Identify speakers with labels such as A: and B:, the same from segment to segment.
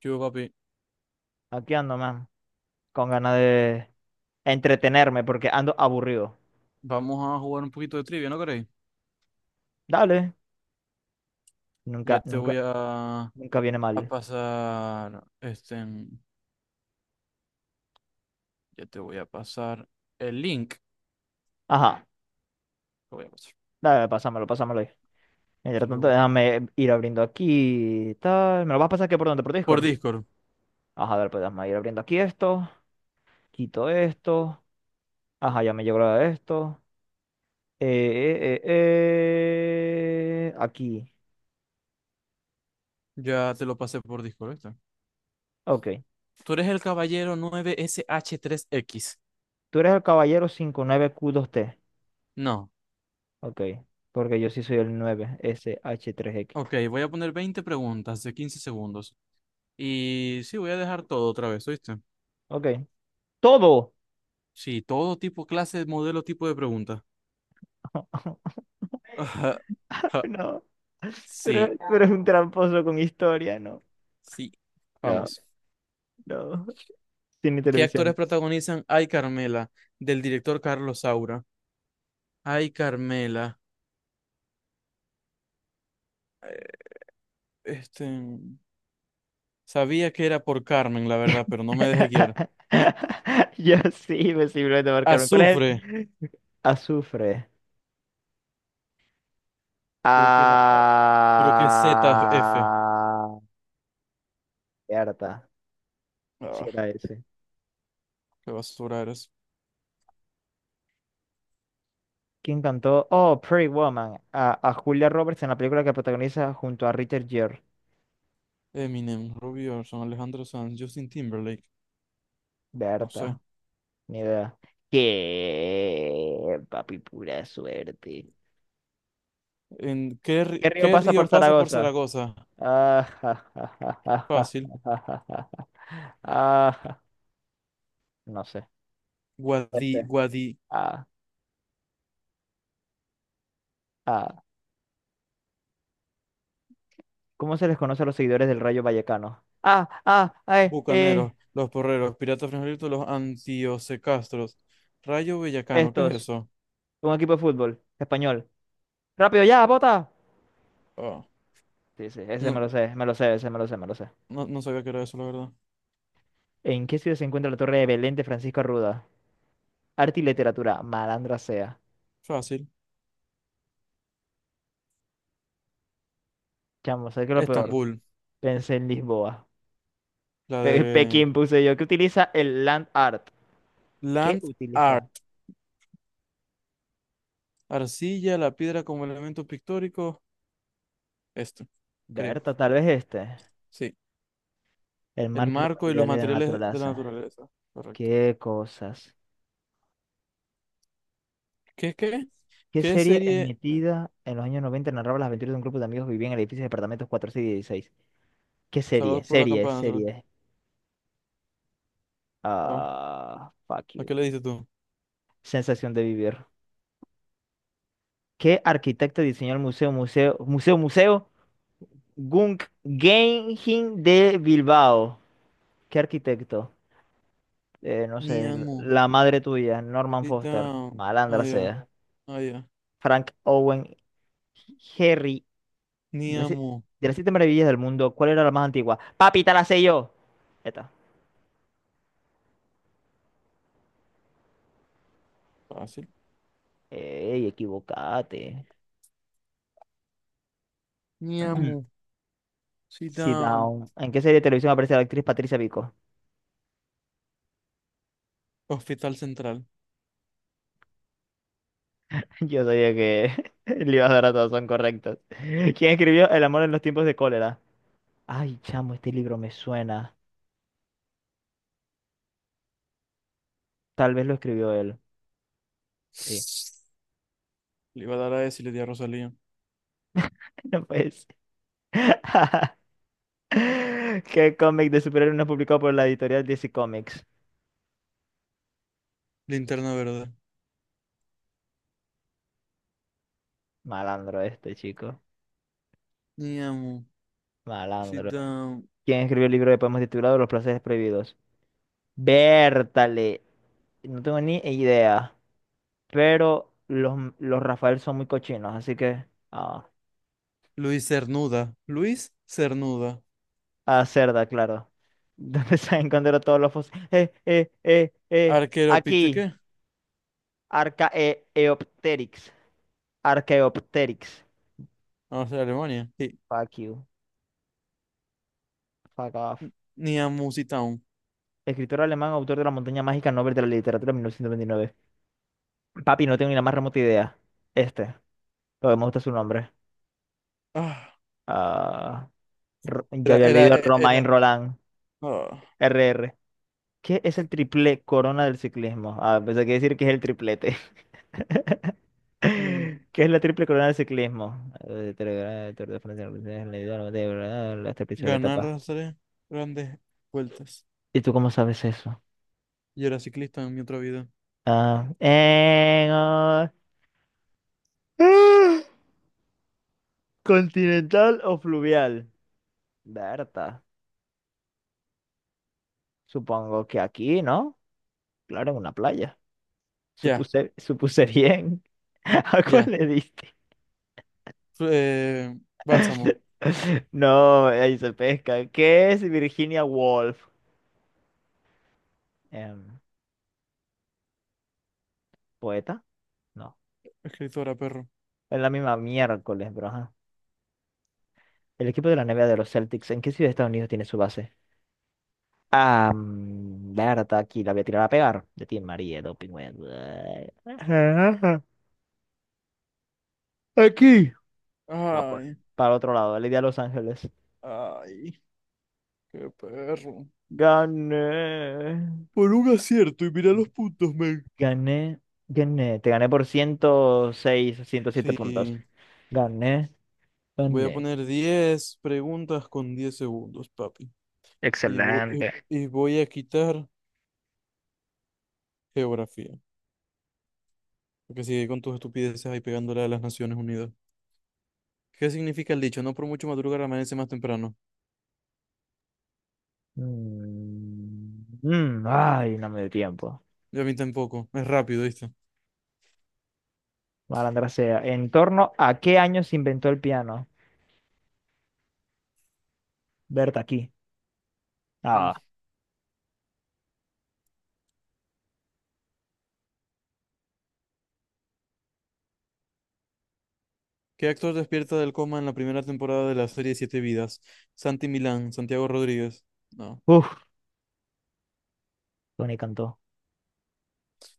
A: Yo, papi,
B: Aquí ando, man, con ganas de entretenerme porque ando aburrido.
A: vamos a jugar un poquito de trivia, ¿no queréis?
B: Dale,
A: Ya
B: nunca,
A: te
B: nunca,
A: voy a, a
B: nunca viene mal.
A: pasar, este, en- ya te voy a pasar el link.
B: Ajá,
A: Lo voy a pasar,
B: dale, pásamelo, pásamelo ahí.
A: te
B: Mientras
A: lo
B: tanto,
A: voy a-
B: déjame ir abriendo aquí, tal. ¿Me lo vas a pasar aquí por donde? ¿Por
A: por
B: Discord?
A: Discord,
B: Ajá, dale, pues déjame ir abriendo aquí esto. Quito esto. Ajá, ya me llegó la de esto. Eh, Aquí.
A: ya te lo pasé por Discord, ¿viste?
B: Ok.
A: Tú eres el caballero 9 sh 3 x.
B: Tú eres el caballero 59Q2T.
A: No,
B: Ok. Porque yo sí soy el 9SH3X.
A: ok, voy a poner 20 preguntas de 15 segundos. Y sí, voy a dejar todo otra vez, ¿oíste?
B: Ok. ¡Todo!
A: Sí, todo tipo, clase, modelo, tipo de pregunta. Ajá, ajá,
B: No,
A: sí,
B: pero es un tramposo con historia, no,
A: sí,
B: no,
A: vamos.
B: no, cine y
A: ¿Qué actores
B: televisión.
A: protagonizan Ay Carmela? Del director Carlos Saura. Ay Carmela. Eh, Este, sabía que era por Carmen, la verdad, pero no me dejé guiar.
B: Yo sí, me simplemente marcarme. ¿Cuál es
A: Azufre.
B: el? Azufre.
A: Creo que es, a- a- creo que es ZF.
B: Ah, cierta, sí
A: Ah,
B: era ese.
A: qué basura eres.
B: ¿Quién cantó Oh, Pretty Woman, a Julia Roberts en la película que protagoniza junto a Richard Gere?
A: Eminem, Robbie Orson, Alejandro Sanz, Justin Timberlake. No sé.
B: Berta, ni idea. ¿Qué? Papi, pura suerte. ¿Qué río
A: ¿Qué
B: pasa
A: río
B: por
A: pasa por
B: Zaragoza?
A: Zaragoza?
B: Ah, ja, ja, ja, ja, ja,
A: Fácil.
B: ja, ja, ja, ah, ja. No sé.
A: Guadi,
B: Este.
A: Guadi,
B: Ah, ah. ¿Cómo se les conoce a los seguidores del Rayo Vallecano? Ah, ah, ay,
A: bucaneros, los porreros, piratas frijolitos, los antiosecastros. Rayo Bellacano, ¿qué es
B: estos.
A: eso?
B: Un equipo de fútbol español. Rápido, ya, bota.
A: Ah,
B: Sí, sí, ese
A: no,
B: me lo sé, ese me lo sé, me lo sé.
A: no, no sabía que era eso, la verdad.
B: ¿En qué ciudad se encuentra la Torre de Belén de Francisco Arruda? Arte y literatura, malandra sea.
A: Fácil.
B: Chamo, ¿sabes qué es lo peor?
A: Estambul,
B: Pensé en Lisboa.
A: la de
B: Pekín puse yo. ¿Qué utiliza el land art? ¿Qué
A: Land
B: utiliza?
A: Art. Arcilla, la piedra como elemento pictórico. Esto, creo.
B: Berta, tal vez este.
A: Sí.
B: El
A: El
B: marco y los
A: marco y los
B: materiales de la
A: materiales de la
B: naturaleza.
A: naturaleza. Correcto.
B: Qué cosas.
A: ¿Qué, qué?
B: ¿Qué
A: ¿Qué
B: serie
A: serie?
B: emitida en los años 90 narraba las aventuras de un grupo de amigos que vivían en edificios de departamentos 4, 6 y 16? ¿Qué serie?
A: Salvados por la
B: Serie,
A: campana. Salvados.
B: serie.
A: Ah,
B: Ah, fuck
A: ¿a qué
B: you.
A: le dices tú?
B: Sensación de vivir. ¿Qué arquitecto diseñó el museo? Guggenheim de Bilbao? ¿Qué arquitecto? No
A: Ni
B: sé,
A: amo.
B: la madre tuya, Norman
A: Sit
B: Foster.
A: down. Ah,
B: Malandra
A: ya.
B: sea.
A: Ah, ya.
B: Frank Owen. Harry.
A: Ni
B: De las,
A: amo.
B: de las 7 maravillas del mundo, ¿cuál era la más antigua? Papi, te la sé yo. Ya está.
A: Fácil.
B: Ey, equivocate.
A: Mi amo,
B: Sit
A: cita
B: down. ¿En qué serie de televisión aparece la actriz Patricia Pico?
A: Hospital Central.
B: Yo sabía que le ibas a dar a todos, son correctos. ¿Quién escribió El amor en los tiempos de cólera? Ay, chamo, este libro me suena. Tal vez lo escribió él. Sí.
A: Le iba a dar a ese y le di a Rosalía.
B: No pues. ¿Qué cómic de superhéroes no es publicado por la editorial DC Comics?
A: Linterna verde.
B: Malandro este, chico.
A: Mi amo, cita
B: Malandro. ¿Quién escribió el libro de poemas titulado Los placeres prohibidos? Bértale. No tengo ni idea. Pero los Rafael son muy cochinos, así que. Ah,
A: Luis Cernuda. Luis Cernuda.
B: a cerda, claro. ¿Dónde se han encontrado todos los fósiles?
A: Arquero pite,
B: Aquí.
A: ¿qué?
B: Archaeopteryx. Archaeopteryx.
A: Vamos a ser Alemania. Sí.
B: Fuck you. Fuck off.
A: Ni amo, cita.
B: Escritor alemán, autor de La Montaña Mágica, Nobel de la Literatura 1929. Papi, no tengo ni la más remota idea. Este. Pero me gusta su nombre.
A: Ah,
B: Ah. Yo había leído Romain
A: era.
B: Roland,
A: Ah,
B: R R. ¿Qué es el triple corona del ciclismo? Ah, pensé que iba a decir que es el triplete.
A: mm,
B: ¿Qué es la triple corona del ciclismo? Tour de Francia, Leidor, de verdad, las tres principales
A: ganar
B: etapas.
A: las tres grandes vueltas.
B: ¿Y tú cómo sabes eso?
A: Yo era ciclista en mi otra vida.
B: Ah, en, ah, ah, ¿continental o fluvial? Berta, supongo que aquí, ¿no? Claro, en una playa.
A: Ya,
B: Supuse, supuse bien. ¿A cuál
A: ya.
B: le diste?
A: Fl- eh, bálsamo.
B: No, ahí se pesca. ¿Qué es Virginia Woolf? Em, ¿Poeta? No.
A: Escritora, perro.
B: Es la misma miércoles, bro. Ajá. El equipo de la NBA de los Celtics, ¿en qué ciudad de Estados Unidos tiene su base? Ah, mm, Berta, aquí la voy a tirar a pegar. De ti, María, doping. Web. Ajá. Aquí. Ah, pues.
A: Ay,
B: Para otro lado, el día de Los Ángeles.
A: ay. Qué perro.
B: Gané.
A: Por un acierto y mira los puntos, men.
B: Gané. Gané. Te gané por 106, 107 puntos.
A: Sí,
B: Gané.
A: voy a
B: Gané.
A: poner 10 preguntas con 10 segundos, papi. Y voy, y
B: Excelente.
A: y voy a quitar geografía. Porque sigue con tus estupideces ahí pegándole a las Naciones Unidas. ¿Qué significa el dicho? No por mucho madrugar amanece más temprano.
B: Mm, mm, ay, no me dio tiempo.
A: Y a mí tampoco. Es rápido, ¿viste?
B: Malandra sea. ¿En torno a qué año se inventó el piano? Berta aquí.
A: Mm.
B: Ah,
A: ¿Qué actor despierta del coma en la primera temporada de la serie Siete Vidas? Santi Milán, Santiago Rodríguez. No.
B: uff, Tony cantó.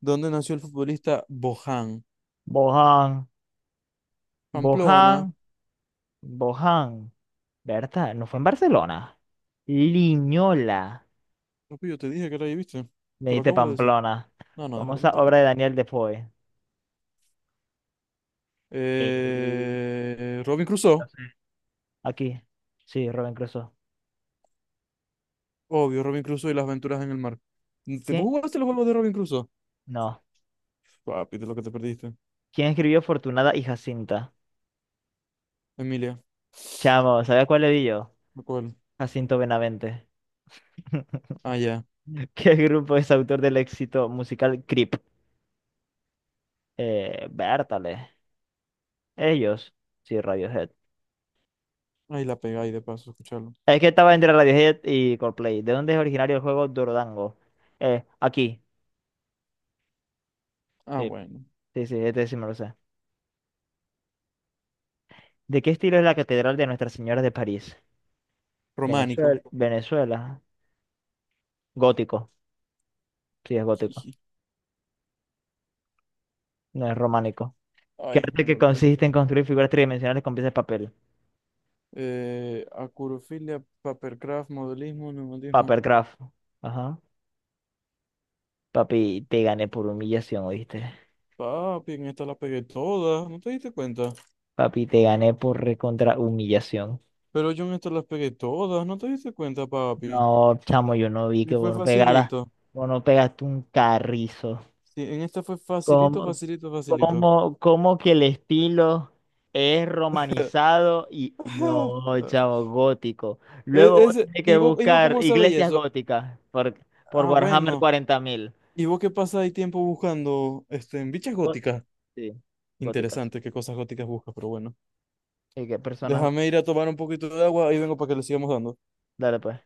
A: ¿Dónde nació el futbolista Bojan?
B: Bohan,
A: Pamplona.
B: Bohan, Bohan. Berta, ¿no fue en Barcelona? Liñola.
A: No, pues yo te dije que la ahí, ¿viste?
B: Me
A: Te lo
B: dijiste
A: acabo de decir.
B: Pamplona.
A: No, no, déjate
B: Famosa
A: mentir.
B: obra de Daniel Defoe. No
A: Robin Crusoe.
B: sé. Aquí. Sí, Robin Crusoe.
A: Obvio, Robin Crusoe y las aventuras en el mar. ¿Te vos
B: ¿Quién?
A: jugaste los juegos de Robin Crusoe?
B: No.
A: Papi, de lo que te perdiste.
B: ¿Quién escribió Fortunada y Jacinta?
A: Emilia.
B: Chamo, ¿sabes cuál le di yo?
A: ¿De ¿Cuál?
B: Jacinto Benavente.
A: Ah, ya.
B: ¿Qué grupo es autor del éxito musical Creep? Bertale. Ellos. Sí, Radiohead.
A: Ahí la pegáis de paso, escucharlo.
B: Es que estaba entre Radiohead y Coldplay. ¿De dónde es originario el juego Dordango? Aquí.
A: Ah,
B: Sí,
A: bueno.
B: sí, sí, este sí me lo sé. ¿De qué estilo es la Catedral de Nuestra Señora de París?
A: Románico.
B: Venezuela. Venezuela. Gótico. Sí, es gótico.
A: Jiji.
B: No es románico. ¿Qué
A: Ay,
B: arte
A: me
B: que
A: golpeé.
B: consiste en construir figuras tridimensionales con piezas de papel?
A: Acurofilia, papercraft, modelismo, neumatismo.
B: Papercraft. Ajá. Papi, te gané por humillación, ¿oíste?
A: Papi, en esta las pegué todas, ¿no te diste cuenta?
B: Papi, te gané por recontra humillación.
A: Pero yo en esta las pegué todas, ¿no te diste cuenta, papi?
B: No, chamo, yo no vi
A: Y
B: que
A: fue
B: vos no pegaras,
A: facilito.
B: vos no pegaste un carrizo.
A: Sí, en esta fue facilito,
B: ¿Cómo,
A: facilito, facilito.
B: cómo, cómo que el estilo es romanizado y
A: Ajá.
B: no, chamo, gótico? Luego vos tenés que
A: Y vos
B: buscar
A: cómo sabéis
B: iglesias
A: eso?
B: góticas por
A: Ah,
B: Warhammer
A: bueno.
B: 40.000.
A: ¿Y vos qué pasa ahí tiempo buscando este, en bichas
B: Gó-
A: góticas?
B: Sí, góticas.
A: Interesante qué cosas góticas buscas, pero bueno.
B: Y que personas,
A: Déjame ir a tomar un poquito de agua y vengo para que le sigamos dando.
B: dale pues.